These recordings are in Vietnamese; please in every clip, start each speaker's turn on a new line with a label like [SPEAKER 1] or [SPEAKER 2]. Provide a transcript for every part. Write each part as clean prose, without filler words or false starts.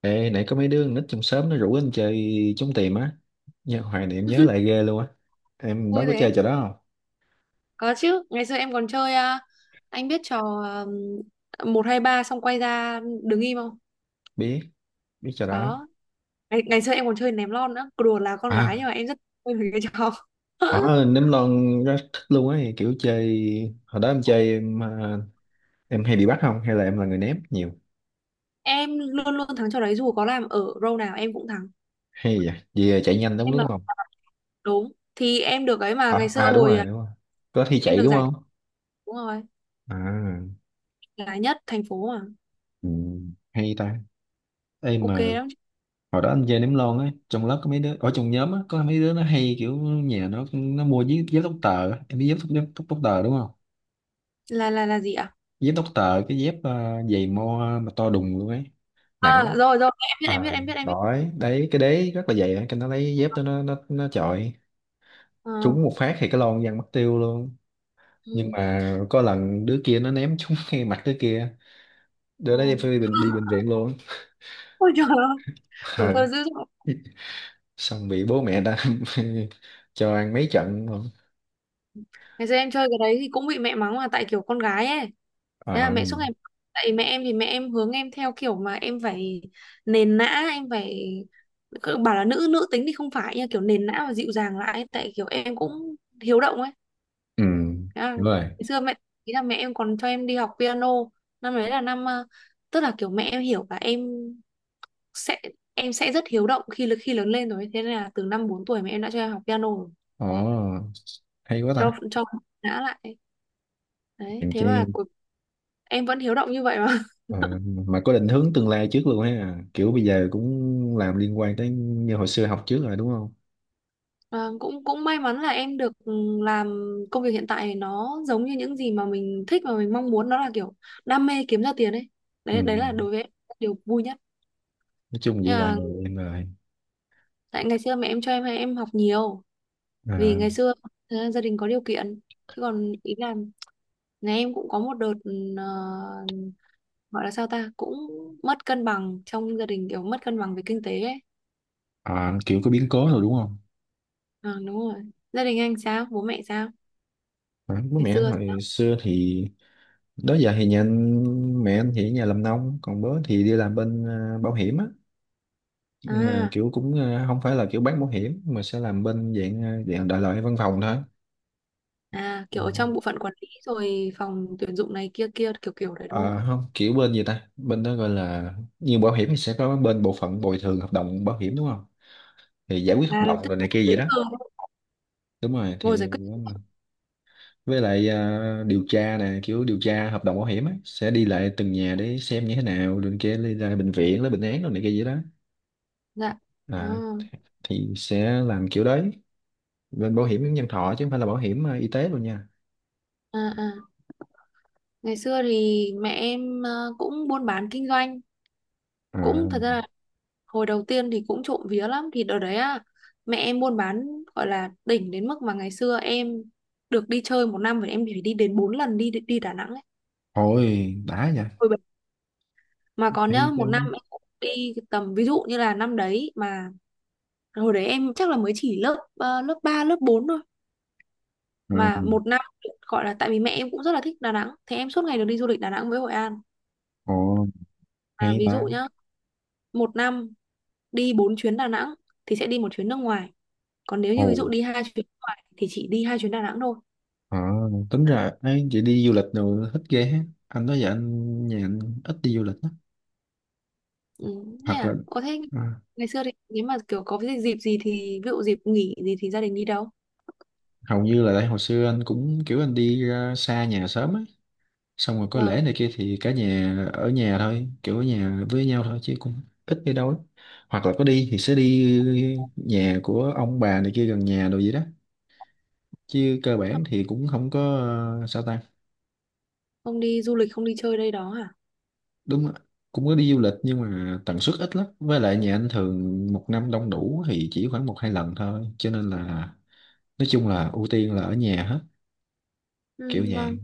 [SPEAKER 1] Ê, nãy có mấy đứa con nít trong xóm nó rủ anh chơi trốn tìm á. Nhớ hoài niệm nhớ lại ghê luôn á. Em đó
[SPEAKER 2] Vui
[SPEAKER 1] có
[SPEAKER 2] thế.
[SPEAKER 1] chơi trò đó không?
[SPEAKER 2] Có chứ, ngày xưa em còn chơi à, anh biết trò 1 2 3 xong quay ra đứng im không?
[SPEAKER 1] Biết, biết trò đó.
[SPEAKER 2] Đó. Ngày xưa em còn chơi ném lon nữa. Cứ đùa là con gái nhưng
[SPEAKER 1] À,
[SPEAKER 2] mà em rất vui với cái trò.
[SPEAKER 1] ở nấm lon rất thích luôn ấy, kiểu chơi hồi đó em chơi em hay bị bắt không hay là em là người ném nhiều?
[SPEAKER 2] Em luôn luôn thắng trò đấy, dù có làm ở row nào em cũng thắng.
[SPEAKER 1] Hay vậy? Vì chạy nhanh đúng
[SPEAKER 2] Em là
[SPEAKER 1] đúng không?
[SPEAKER 2] đúng. Thì em được ấy, mà ngày
[SPEAKER 1] À,
[SPEAKER 2] xưa
[SPEAKER 1] à đúng
[SPEAKER 2] hồi
[SPEAKER 1] rồi, đúng rồi. Có thi
[SPEAKER 2] em
[SPEAKER 1] chạy
[SPEAKER 2] được
[SPEAKER 1] đúng
[SPEAKER 2] giải,
[SPEAKER 1] không?
[SPEAKER 2] đúng rồi,
[SPEAKER 1] À,
[SPEAKER 2] là nhất thành phố mà.
[SPEAKER 1] ừ, hay ta. Ê
[SPEAKER 2] Ok
[SPEAKER 1] mà
[SPEAKER 2] lắm.
[SPEAKER 1] hồi đó anh chơi ném lon á, trong lớp có mấy đứa ở trong nhóm á, có mấy đứa nó hay kiểu nhà nó mua dép dép tóc tờ á. Em biết dép tóc, tóc tờ đúng không?
[SPEAKER 2] Là gì ạ?
[SPEAKER 1] Dép tóc tờ, cái dép giày mo mà to đùng luôn ấy, nặng lắm.
[SPEAKER 2] À, rồi rồi, em biết
[SPEAKER 1] À,
[SPEAKER 2] em biết em biết em biết.
[SPEAKER 1] đói đấy cái đế rất là dày, cái nó lấy dép đó nó chọi
[SPEAKER 2] Ờ,
[SPEAKER 1] trúng một phát thì cái lon văng mất tiêu luôn. Nhưng
[SPEAKER 2] ừ,
[SPEAKER 1] mà có lần đứa kia nó ném trúng ngay mặt đứa kia, đứa
[SPEAKER 2] ừ.
[SPEAKER 1] đó đi bệnh viện luôn.
[SPEAKER 2] Ôi trời ơi, tuổi
[SPEAKER 1] Ờ.
[SPEAKER 2] thơ dữ dội.
[SPEAKER 1] Xong bị bố mẹ ta cho ăn mấy trận luôn.
[SPEAKER 2] Ngày xưa em chơi cái đấy thì cũng bị mẹ mắng, là tại kiểu con gái ấy, thế là
[SPEAKER 1] Ờ,
[SPEAKER 2] mẹ suốt ngày mắng. Tại mẹ em thì mẹ em hướng em theo kiểu mà em phải nền nã, em phải, cứ bảo là nữ nữ tính thì không phải nha, kiểu nền nã và dịu dàng lại ấy. Tại kiểu em cũng hiếu động ấy,
[SPEAKER 1] ừ,
[SPEAKER 2] thế là,
[SPEAKER 1] đúng
[SPEAKER 2] ngày
[SPEAKER 1] rồi.
[SPEAKER 2] xưa mẹ, ý là mẹ em còn cho em đi học piano. Năm đấy là năm tức là kiểu mẹ em hiểu là em sẽ, em sẽ rất hiếu động khi khi lớn lên rồi, thế nên là từ năm 4 tuổi mẹ em đã cho em học piano rồi,
[SPEAKER 1] Ồ, hay quá ta.
[SPEAKER 2] cho nã lại ấy. Đấy,
[SPEAKER 1] Hèn
[SPEAKER 2] thế
[SPEAKER 1] chi.
[SPEAKER 2] mà cuối em vẫn hiếu động như vậy mà.
[SPEAKER 1] ờ, mà có định hướng tương lai trước luôn ha. Kiểu bây giờ cũng làm liên quan tới như hồi xưa học trước rồi đúng không?
[SPEAKER 2] Ờ, cũng cũng may mắn là em được ừ, làm công việc hiện tại nó giống như những gì mà mình thích và mình mong muốn, nó là kiểu đam mê kiếm ra tiền ấy,
[SPEAKER 1] Ừ,
[SPEAKER 2] đấy đấy là đối với em điều vui nhất.
[SPEAKER 1] nói chung vậy
[SPEAKER 2] Nhưng
[SPEAKER 1] là
[SPEAKER 2] mà
[SPEAKER 1] em rồi.
[SPEAKER 2] tại ngày xưa mẹ em cho em hay em học nhiều, vì
[SPEAKER 1] À,
[SPEAKER 2] ngày xưa gia đình có điều kiện, chứ còn ý là nhà em cũng có một đợt ừ, ờ, gọi là sao ta, cũng mất cân bằng trong gia đình, kiểu mất cân bằng về kinh tế ấy.
[SPEAKER 1] à, kiểu có biến cố rồi đúng không?
[SPEAKER 2] Ờ, đúng rồi, gia đình anh sao, bố mẹ sao,
[SPEAKER 1] À, bố
[SPEAKER 2] ngày
[SPEAKER 1] mẹ anh
[SPEAKER 2] xưa sao?
[SPEAKER 1] hồi xưa thì đó giờ thì nhà anh, mẹ anh thì ở nhà làm nông, còn bố thì đi làm bên bảo hiểm á. Nhưng mà
[SPEAKER 2] À,
[SPEAKER 1] kiểu cũng không phải là kiểu bán bảo hiểm mà sẽ làm bên dạng dạng đại loại văn phòng thôi.
[SPEAKER 2] à, kiểu
[SPEAKER 1] Ờ,
[SPEAKER 2] ở trong bộ phận quản lý rồi phòng tuyển dụng này kia kia kiểu kiểu đấy đúng không?
[SPEAKER 1] ờ, không kiểu bên gì ta, bên đó gọi là như bảo hiểm thì sẽ có bên bộ phận bồi thường hợp đồng bảo hiểm đúng không, thì giải quyết hợp
[SPEAKER 2] À, là
[SPEAKER 1] đồng
[SPEAKER 2] tức
[SPEAKER 1] rồi
[SPEAKER 2] là
[SPEAKER 1] này kia vậy
[SPEAKER 2] giấy
[SPEAKER 1] đó.
[SPEAKER 2] tờ
[SPEAKER 1] Đúng rồi thì
[SPEAKER 2] ngồi giải quyết.
[SPEAKER 1] với lại điều tra nè, kiểu điều tra hợp đồng bảo hiểm á, sẽ đi lại từng nhà để xem như thế nào rồi kia đi ra bệnh viện lấy bệnh án rồi này kia vậy đó.
[SPEAKER 2] Dạ. À,
[SPEAKER 1] À, thì sẽ làm kiểu đấy, bên bảo hiểm nhân thọ chứ không phải là bảo hiểm y tế luôn nha.
[SPEAKER 2] à, à. Ngày xưa thì mẹ em cũng buôn bán kinh doanh,
[SPEAKER 1] À,
[SPEAKER 2] cũng thật ra là hồi đầu tiên thì cũng trộm vía lắm, thì đợt đấy mẹ em buôn bán, gọi là đỉnh đến mức mà ngày xưa em được đi chơi một năm phải, em phải đi đến 4 lần đi, đi Đà Nẵng ấy.
[SPEAKER 1] thôi đã nha,
[SPEAKER 2] Ôi, mà còn nhá,
[SPEAKER 1] hay chứ.
[SPEAKER 2] một năm em cũng đi tầm ví dụ như là năm đấy mà, hồi đấy em chắc là mới chỉ lớp lớp 3 lớp 4 thôi,
[SPEAKER 1] À,
[SPEAKER 2] mà một năm, gọi là tại vì mẹ em cũng rất là thích Đà Nẵng, thế em suốt ngày được đi du lịch Đà Nẵng với Hội An.
[SPEAKER 1] ồ
[SPEAKER 2] À,
[SPEAKER 1] hay
[SPEAKER 2] ví
[SPEAKER 1] ta.
[SPEAKER 2] dụ nhá, một năm đi 4 chuyến Đà Nẵng thì sẽ đi một chuyến nước ngoài, còn nếu
[SPEAKER 1] Ồ.
[SPEAKER 2] như ví dụ đi 2 chuyến nước ngoài thì chỉ đi 2 chuyến Đà Nẵng thôi.
[SPEAKER 1] À, tính ra ấy, chị đi du lịch rồi thích ghê ha. Anh nói vậy, anh nhà anh ít đi du lịch á.
[SPEAKER 2] Ừ, thế
[SPEAKER 1] Hoặc là
[SPEAKER 2] à. Ồ, thế
[SPEAKER 1] à,
[SPEAKER 2] ngày xưa thì nếu mà kiểu có cái dịp gì, thì ví dụ dịp nghỉ gì thì gia đình đi đâu?
[SPEAKER 1] hầu như là tại hồi xưa anh cũng kiểu anh đi ra xa nhà sớm ấy. Xong rồi có lễ
[SPEAKER 2] Vâng.
[SPEAKER 1] này kia thì cả nhà ở nhà thôi, kiểu ở nhà với nhau thôi chứ cũng ít đi đâu lắm. Hoặc là có đi thì sẽ đi nhà của ông bà này kia gần nhà đồ gì đó. Chứ cơ bản thì cũng không có sao ta.
[SPEAKER 2] Không đi du lịch không đi chơi đây đó hả?
[SPEAKER 1] Đúng ạ. Cũng có đi du lịch nhưng mà tần suất ít lắm, với lại nhà anh thường một năm đông đủ thì chỉ khoảng 1 2 lần thôi, cho nên là nói chung là ưu tiên là ở nhà hết, kiểu
[SPEAKER 2] Ừ,
[SPEAKER 1] vậy.
[SPEAKER 2] vâng.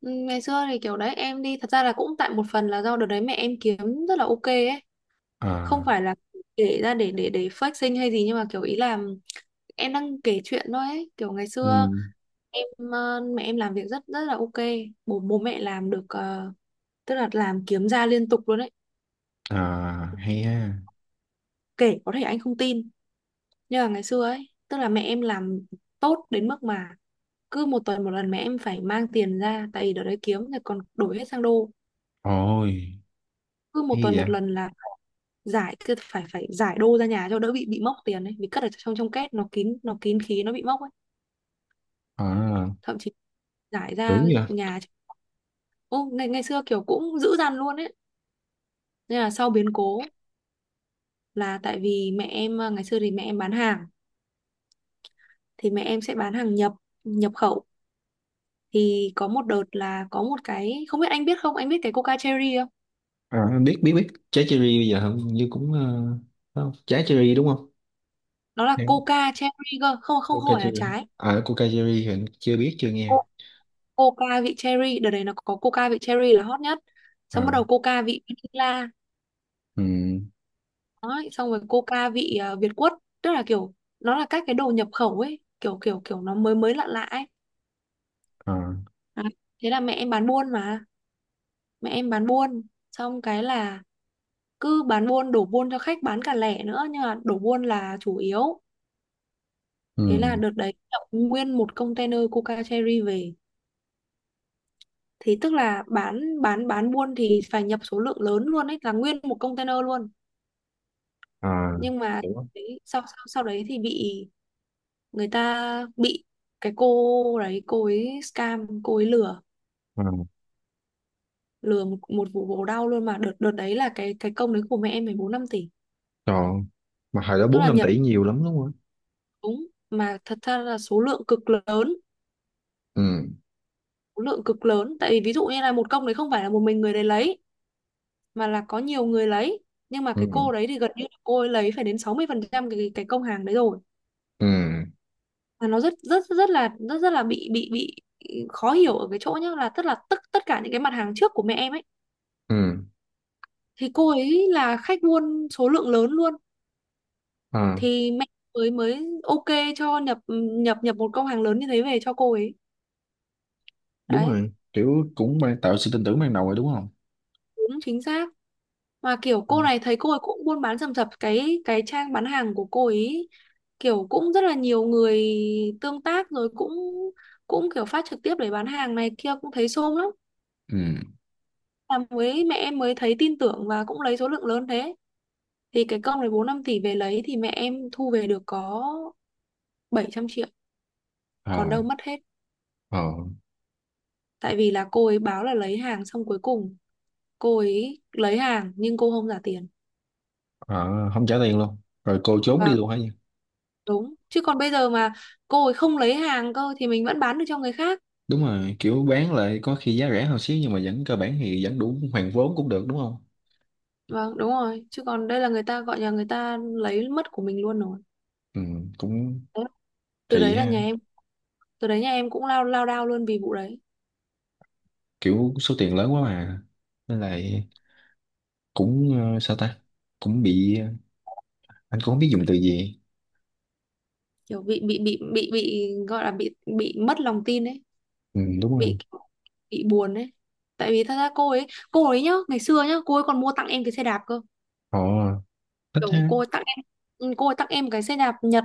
[SPEAKER 2] Ừ, ngày xưa thì kiểu đấy em đi, thật ra là cũng tại một phần là do đợt đấy mẹ em kiếm rất là ok ấy, không
[SPEAKER 1] À,
[SPEAKER 2] phải là kể ra để fake sinh hay gì, nhưng mà kiểu ý là em đang kể chuyện thôi ấy, kiểu ngày
[SPEAKER 1] ừ.
[SPEAKER 2] xưa em mẹ em làm việc rất rất là ok. Bố bố mẹ làm được ờ, tức là làm kiếm ra liên tục luôn ấy.
[SPEAKER 1] À, hay ha.
[SPEAKER 2] Kể có thể anh không tin, nhưng mà ngày xưa ấy, tức là mẹ em làm tốt đến mức mà cứ một tuần một lần mẹ em phải mang tiền ra, tại vì đợt đấy kiếm thì còn đổi hết sang đô,
[SPEAKER 1] Ôi,
[SPEAKER 2] cứ một
[SPEAKER 1] hay
[SPEAKER 2] tuần
[SPEAKER 1] vậy.
[SPEAKER 2] một lần là giải, cứ phải phải giải đô ra nhà cho đỡ bị mốc tiền ấy, vì cất ở trong trong két nó kín, nó kín khí nó bị mốc ấy,
[SPEAKER 1] À,
[SPEAKER 2] thậm chí giải ra
[SPEAKER 1] tưởng vậy.
[SPEAKER 2] nhà. Ô, ngày ngày xưa kiểu cũng dữ dằn luôn ấy, nên là sau biến cố, là tại vì mẹ em ngày xưa thì mẹ em bán hàng, thì mẹ em sẽ bán hàng nhập, nhập khẩu. Thì có một đợt là có một cái, không biết anh biết không, anh biết cái Coca Cherry không?
[SPEAKER 1] À, anh biết, biết trái cherry, bây giờ hình như cũng không? Trái cherry đúng không?
[SPEAKER 2] Nó là
[SPEAKER 1] Hãng
[SPEAKER 2] Coca Cherry cơ, không không không
[SPEAKER 1] Coca
[SPEAKER 2] phải là
[SPEAKER 1] cherry.
[SPEAKER 2] trái.
[SPEAKER 1] À, Coca cherry thì anh chưa biết, chưa nghe.
[SPEAKER 2] Co- Coca vị Cherry, đợt đấy nó có Coca vị Cherry là hot nhất, xong bắt
[SPEAKER 1] À,
[SPEAKER 2] đầu Coca vị Vanilla.
[SPEAKER 1] ừ.
[SPEAKER 2] Đấy, xong rồi Coca vị Việt Quất, tức là kiểu nó là các cái đồ nhập khẩu ấy, kiểu kiểu kiểu nó mới mới lạ lạ ấy.
[SPEAKER 1] À,
[SPEAKER 2] À, thế là mẹ em bán buôn mà, mẹ em bán buôn, xong cái là cứ bán buôn đổ buôn cho khách, bán cả lẻ nữa nhưng mà đổ buôn là chủ yếu. Thế là
[SPEAKER 1] ừ.
[SPEAKER 2] đợt đấy nhập nguyên một container Coca Cherry về, thì tức là bán bán buôn thì phải nhập số lượng lớn luôn ấy, là nguyên một container luôn.
[SPEAKER 1] À,
[SPEAKER 2] Nhưng mà
[SPEAKER 1] hiểu
[SPEAKER 2] đấy, sau sau sau đấy thì bị, người ta bị, cái cô đấy cô ấy scam, cô ấy lừa,
[SPEAKER 1] không.
[SPEAKER 2] lừa một, một vụ bổ đau luôn, mà đợt đợt đấy là cái công đấy của mẹ em 14-15 tỷ,
[SPEAKER 1] Còn mà hồi đó
[SPEAKER 2] tức
[SPEAKER 1] 4
[SPEAKER 2] là
[SPEAKER 1] 5
[SPEAKER 2] nhập.
[SPEAKER 1] tỷ nhiều lắm đúng không ạ?
[SPEAKER 2] Đúng, mà thật ra là số lượng cực lớn,
[SPEAKER 1] Ừ,
[SPEAKER 2] số lượng cực lớn, tại vì ví dụ như là một công đấy không phải là một mình người đấy lấy, mà là có nhiều người lấy, nhưng mà cái
[SPEAKER 1] ừ,
[SPEAKER 2] cô đấy thì gần như là cô ấy lấy phải đến 60% cái công hàng đấy rồi.
[SPEAKER 1] ừ,
[SPEAKER 2] Mà nó rất rất rất là, rất rất là bị bị khó hiểu ở cái chỗ nhá, là tức là tất tất cả những cái mặt hàng trước của mẹ em ấy
[SPEAKER 1] ừ.
[SPEAKER 2] thì cô ấy là khách buôn số lượng lớn luôn,
[SPEAKER 1] À,
[SPEAKER 2] thì mẹ mới mới ok cho nhập, nhập một công hàng lớn như thế về cho cô ấy.
[SPEAKER 1] đúng
[SPEAKER 2] Đấy,
[SPEAKER 1] rồi, kiểu cũng mang tạo sự tin tưởng ban đầu rồi đúng không?
[SPEAKER 2] đúng chính xác. Mà kiểu
[SPEAKER 1] Ừ.
[SPEAKER 2] cô này, thấy cô ấy cũng buôn bán rầm rập, cái trang bán hàng của cô ấy kiểu cũng rất là nhiều người tương tác, rồi cũng cũng kiểu phát trực tiếp để bán hàng này kia, cũng thấy xôm lắm,
[SPEAKER 1] Ừ.
[SPEAKER 2] là mới mẹ em mới thấy tin tưởng và cũng lấy số lượng lớn thế, thì cái công này 4-5 tỷ về lấy thì mẹ em thu về được có 700 triệu, còn
[SPEAKER 1] À,
[SPEAKER 2] đâu mất hết,
[SPEAKER 1] à,
[SPEAKER 2] tại vì là cô ấy báo là lấy hàng, xong cuối cùng cô ấy lấy hàng nhưng cô không trả tiền,
[SPEAKER 1] à, không trả tiền luôn. Rồi cô trốn đi
[SPEAKER 2] và
[SPEAKER 1] luôn hả nhỉ?
[SPEAKER 2] đúng, chứ còn bây giờ mà cô ấy không lấy hàng cơ thì mình vẫn bán được cho người khác.
[SPEAKER 1] Đúng rồi, kiểu bán lại có khi giá rẻ hơn xíu nhưng mà vẫn cơ bản thì vẫn đủ hoàn vốn cũng được đúng không?
[SPEAKER 2] Vâng, đúng rồi. Chứ còn đây là người ta gọi nhà, người ta lấy mất của mình luôn rồi.
[SPEAKER 1] Ừ, cũng
[SPEAKER 2] Đấy. Từ
[SPEAKER 1] kỳ
[SPEAKER 2] đấy là
[SPEAKER 1] ha.
[SPEAKER 2] nhà em, từ đấy nhà em cũng lao, lao đao luôn vì vụ đấy.
[SPEAKER 1] Kiểu số tiền lớn quá mà. Nên là cũng sao ta? Cũng bị, anh cũng không biết dùng từ gì.
[SPEAKER 2] Kiểu bị bị gọi là bị mất lòng tin ấy,
[SPEAKER 1] Ừ, đúng rồi.
[SPEAKER 2] bị bị buồn ấy. Tại vì thật ra cô ấy nhá, ngày xưa nhá, cô ấy còn mua tặng em cái xe đạp cơ.
[SPEAKER 1] Họ thích
[SPEAKER 2] Kiểu
[SPEAKER 1] ha.
[SPEAKER 2] cô ấy tặng em, ừ, cô ấy tặng em cái xe đạp Nhật.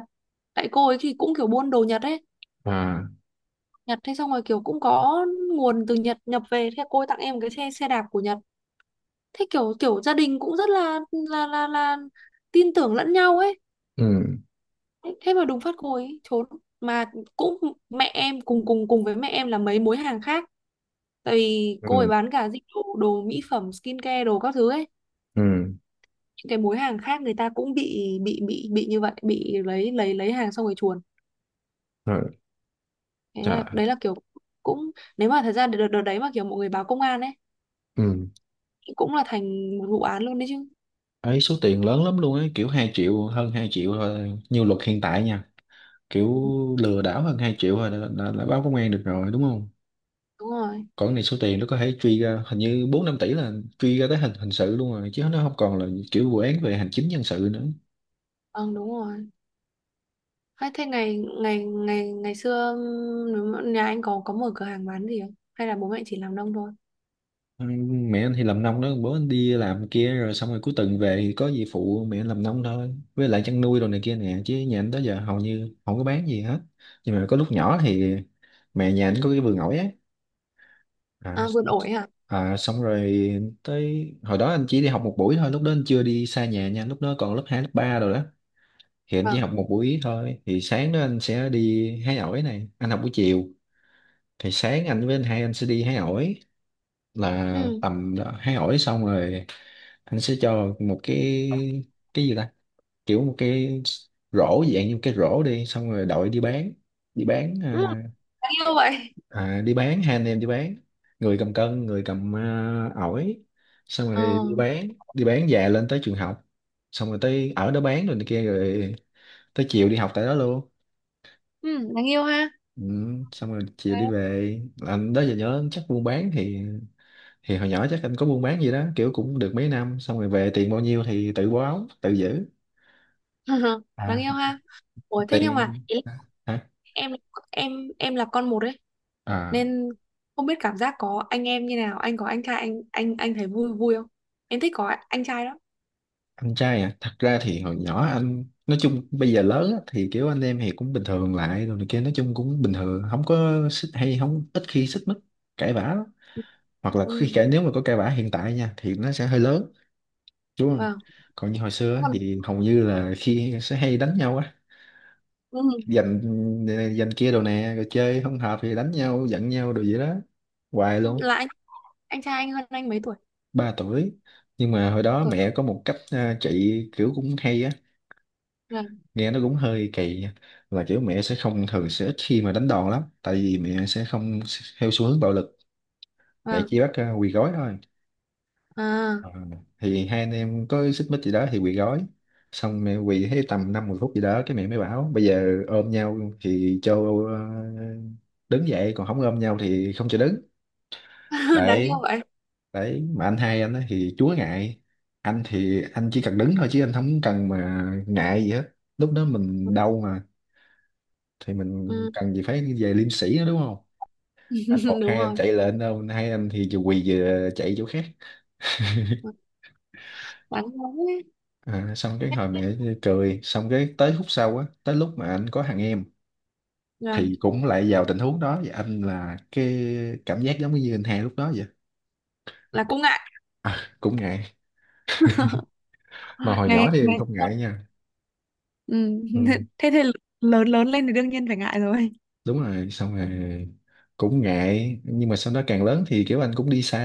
[SPEAKER 2] Tại cô ấy thì cũng kiểu buôn đồ Nhật ấy.
[SPEAKER 1] À,
[SPEAKER 2] Nhật, thế xong rồi kiểu cũng có nguồn từ Nhật nhập về, thế cô ấy tặng em cái xe xe đạp của Nhật, thế kiểu kiểu gia đình cũng rất là là tin tưởng lẫn nhau ấy.
[SPEAKER 1] ừ,
[SPEAKER 2] Thế thế mà đùng phát cô ấy trốn, mà cũng mẹ em cùng cùng cùng với mẹ em là mấy mối hàng khác, tại vì cô ấy
[SPEAKER 1] ừ,
[SPEAKER 2] bán cả dịch vụ đồ mỹ phẩm skincare đồ các thứ ấy,
[SPEAKER 1] ừ
[SPEAKER 2] những cái mối hàng khác người ta cũng bị bị như vậy, bị lấy lấy hàng xong rồi chuồn.
[SPEAKER 1] rồi.
[SPEAKER 2] Thế
[SPEAKER 1] Trời,
[SPEAKER 2] là đấy là kiểu, cũng nếu mà thật ra đợt, đợt đấy mà kiểu mọi người báo công an ấy
[SPEAKER 1] ừ.
[SPEAKER 2] cũng là thành một vụ án luôn đấy chứ.
[SPEAKER 1] Ấy số tiền lớn lắm luôn ấy, kiểu 2 triệu, hơn 2 triệu thôi như luật hiện tại nha, kiểu
[SPEAKER 2] Ừ,
[SPEAKER 1] lừa đảo hơn 2 triệu thôi đã là báo công an được rồi đúng không?
[SPEAKER 2] đúng rồi.
[SPEAKER 1] Còn cái này số tiền nó có thể truy ra hình như 4 5 tỷ, là truy ra tới hình hình sự luôn rồi, chứ nó không còn là kiểu vụ án về hành chính dân sự nữa.
[SPEAKER 2] Vâng, đúng rồi. Hay thế, ngày ngày ngày ngày xưa nếu mà nhà anh có mở cửa hàng bán gì không? Hay là bố mẹ chỉ làm nông thôi?
[SPEAKER 1] Ừ, mẹ anh thì làm nông đó, bố anh đi làm kia, rồi xong rồi cuối tuần về thì có gì phụ mẹ làm nông thôi, với lại chăn nuôi đồ này kia nè, chứ nhà anh tới giờ hầu như không có bán gì hết. Nhưng mà có lúc nhỏ thì mẹ nhà anh có cái vườn ổi á. À,
[SPEAKER 2] À, vườn ổi hả?
[SPEAKER 1] à, xong rồi tới hồi đó anh chỉ đi học một buổi thôi, lúc đó anh chưa đi xa nhà nha, lúc đó còn lớp 2, lớp 3 rồi đó. Thì anh chỉ
[SPEAKER 2] Vâng.
[SPEAKER 1] học một buổi thôi, thì sáng đó anh sẽ đi hái ổi này, anh học buổi chiều. Thì sáng anh với anh hai anh sẽ đi hái ổi, là
[SPEAKER 2] Ừ.
[SPEAKER 1] tầm đó, hay hỏi xong rồi anh sẽ cho một cái gì ta, kiểu một cái rổ, dạng như một cái rổ, đi xong rồi đội đi bán. Đi bán
[SPEAKER 2] Ừ, đáng yêu vậy.
[SPEAKER 1] đi bán hai anh em đi bán, người cầm cân, người cầm ổi, xong rồi
[SPEAKER 2] Ờ.
[SPEAKER 1] đi bán, đi bán về lên tới trường học, xong rồi tới ở đó bán rồi này kia rồi tới chiều đi học tại đó luôn.
[SPEAKER 2] Ừ, đáng yêu ha.
[SPEAKER 1] Ừ, xong rồi chiều
[SPEAKER 2] Đấy.
[SPEAKER 1] đi về. Anh đó giờ nhớ chắc buôn bán thì hồi nhỏ chắc anh có buôn bán gì đó kiểu cũng được mấy năm, xong rồi về tiền bao nhiêu thì tự báo tự giữ. À,
[SPEAKER 2] Đáng yêu ha. Ủa thế nhưng mà
[SPEAKER 1] tiền
[SPEAKER 2] ý là
[SPEAKER 1] hả?
[SPEAKER 2] em em em là con một ấy,
[SPEAKER 1] À,
[SPEAKER 2] nên không biết cảm giác có anh em như nào. Anh có anh trai, anh thấy vui vui không? Em thích có anh trai đó.
[SPEAKER 1] anh trai à, thật ra thì hồi nhỏ anh nói chung bây giờ lớn á, thì kiểu anh em thì cũng bình thường lại rồi này kia, nói chung cũng bình thường không có xích hay không ít khi xích mích cãi vã lắm. Hoặc là khi
[SPEAKER 2] Ừ.
[SPEAKER 1] cãi nếu mà có cãi vã hiện tại nha thì nó sẽ hơi lớn đúng không.
[SPEAKER 2] Vâng.
[SPEAKER 1] Còn như hồi xưa á,
[SPEAKER 2] Còn
[SPEAKER 1] thì hầu như là khi sẽ hay đánh nhau á,
[SPEAKER 2] ừ.
[SPEAKER 1] giành, ừ, giành kia đồ nè rồi chơi không hợp thì đánh nhau giận nhau đồ vậy đó hoài luôn.
[SPEAKER 2] Là anh trai anh hơn anh mấy tuổi?
[SPEAKER 1] 3 tuổi. Nhưng mà hồi
[SPEAKER 2] Bao
[SPEAKER 1] đó
[SPEAKER 2] tuổi?
[SPEAKER 1] mẹ có một cách trị kiểu cũng hay á,
[SPEAKER 2] Vâng.
[SPEAKER 1] nghe nó cũng hơi kỳ nha. Là kiểu mẹ sẽ không, thường sẽ ít khi mà đánh đòn lắm, tại vì mẹ sẽ không theo xu hướng bạo lực, mẹ
[SPEAKER 2] Vâng.
[SPEAKER 1] chỉ bắt quỳ gối thôi.
[SPEAKER 2] À.
[SPEAKER 1] Ờ, thì hai anh em có xích mích gì đó thì quỳ gối, xong mẹ quỳ thấy tầm 5 10 phút gì đó cái mẹ mới bảo bây giờ ôm nhau thì cho ờ, đứng dậy, còn không ôm nhau thì không cho đứng.
[SPEAKER 2] đáng yêu
[SPEAKER 1] Đấy.
[SPEAKER 2] vậy.
[SPEAKER 1] Đấy mà anh hai anh á thì chúa ngại, anh thì anh chỉ cần đứng thôi chứ anh không cần mà ngại gì hết, lúc đó mình đau mà thì mình
[SPEAKER 2] Ừ.
[SPEAKER 1] cần gì phải về liêm sĩ nữa đúng không. Anh một,
[SPEAKER 2] đúng
[SPEAKER 1] hai anh
[SPEAKER 2] rồi.
[SPEAKER 1] chạy lên đâu, hai anh thì vừa quỳ vừa chạy chỗ khác.
[SPEAKER 2] Đáng yêu ấy.
[SPEAKER 1] Xong cái hồi mẹ cười, xong cái tới khúc sau á tới lúc mà anh có thằng em
[SPEAKER 2] Là,
[SPEAKER 1] thì cũng lại vào tình huống đó, và anh là cái cảm giác giống như anh hai lúc đó vậy.
[SPEAKER 2] là cũng ngại.
[SPEAKER 1] À, cũng ngại, mà hồi nhỏ
[SPEAKER 2] ngày
[SPEAKER 1] thì
[SPEAKER 2] ngày
[SPEAKER 1] không ngại nha.
[SPEAKER 2] ừ.
[SPEAKER 1] Ừ.
[SPEAKER 2] Thế thì lớn lớn lên thì đương nhiên phải ngại rồi.
[SPEAKER 1] Đúng rồi, xong rồi cũng ngại, nhưng mà sau đó càng lớn thì kiểu anh cũng đi xa,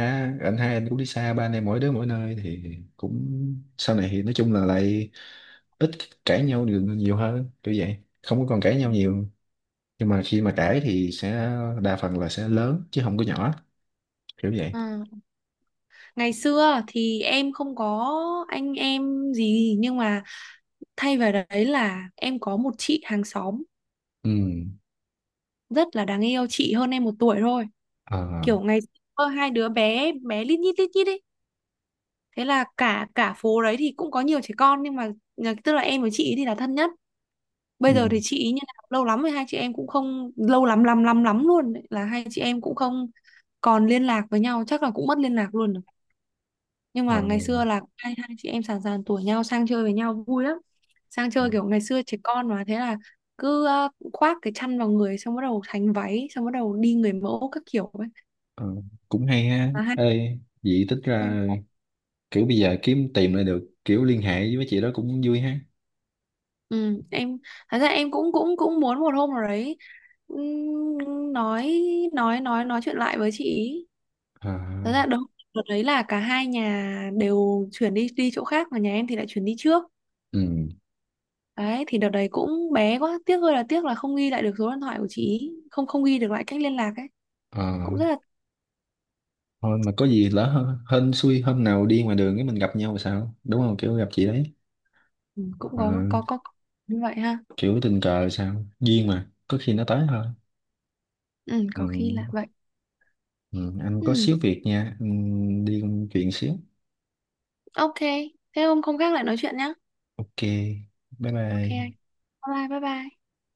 [SPEAKER 1] anh hai anh cũng đi xa, ba anh em mỗi đứa mỗi nơi thì cũng sau này thì nói chung là lại ít cãi nhau nhiều, nhiều hơn kiểu vậy, không có còn cãi nhau nhiều, nhưng mà khi mà cãi thì sẽ đa phần là sẽ lớn chứ không có nhỏ, kiểu vậy.
[SPEAKER 2] Ừ. Ngày xưa thì em không có anh em gì, nhưng mà thay vào đấy là em có một chị hàng xóm
[SPEAKER 1] Ừ.
[SPEAKER 2] rất là đáng yêu, chị hơn em 1 tuổi thôi.
[SPEAKER 1] Ờ.
[SPEAKER 2] Kiểu ngày xưa hai đứa bé bé lít nhít ấy, thế là cả cả phố đấy thì cũng có nhiều trẻ con, nhưng mà tức là em với chị ấy thì là thân nhất. Bây
[SPEAKER 1] Ừ.
[SPEAKER 2] giờ thì chị ý như nào, lâu lắm rồi hai chị em cũng không, lâu lắm lắm lắm lắm luôn ấy, là hai chị em cũng không còn liên lạc với nhau, chắc là cũng mất liên lạc luôn rồi. Nhưng
[SPEAKER 1] Ờ.
[SPEAKER 2] mà ngày xưa là hai hai chị em sàn sàn tuổi nhau, sang chơi với nhau vui lắm. Sang chơi kiểu ngày xưa trẻ con mà, thế là cứ khoác cái chăn vào người, xong bắt đầu thành váy, xong bắt đầu đi người mẫu các kiểu ấy,
[SPEAKER 1] Ờ, cũng hay ha.
[SPEAKER 2] mà hai.
[SPEAKER 1] Ê vậy tính ra, kiểu bây giờ kiếm tìm lại được kiểu liên hệ với mấy chị đó cũng vui ha.
[SPEAKER 2] Ừ, em thật ra em cũng cũng cũng muốn một hôm nào đấy nói, nói chuyện lại với chị ý.
[SPEAKER 1] Ờ.
[SPEAKER 2] Thật ra đúng, đợt đấy là cả hai nhà đều chuyển đi, đi chỗ khác, mà nhà em thì lại chuyển đi trước.
[SPEAKER 1] Ừ.
[SPEAKER 2] Đấy, thì đợt đấy cũng bé quá, tiếc ơi là tiếc là không ghi lại được số điện thoại của chị ý, không, không ghi được lại cách liên lạc ấy,
[SPEAKER 1] Ờ,
[SPEAKER 2] cũng rất là.
[SPEAKER 1] thôi mà có gì lỡ hên, hên xui hôm nào đi ngoài đường cái mình gặp nhau là sao đúng không, kiểu gặp chị đấy.
[SPEAKER 2] Ừ, cũng
[SPEAKER 1] Ờ,
[SPEAKER 2] có như vậy ha.
[SPEAKER 1] kiểu tình cờ là sao duyên mà có khi nó tới thôi.
[SPEAKER 2] Ừ,
[SPEAKER 1] Ừ,
[SPEAKER 2] có khi là vậy.
[SPEAKER 1] ừ, anh có
[SPEAKER 2] Ừ,
[SPEAKER 1] xíu việc nha. Ừ, đi công chuyện xíu.
[SPEAKER 2] ok. Thế hôm không, khác lại nói chuyện nhá.
[SPEAKER 1] OK. Bye
[SPEAKER 2] Ok
[SPEAKER 1] bye.
[SPEAKER 2] anh. Bye bye bye bye.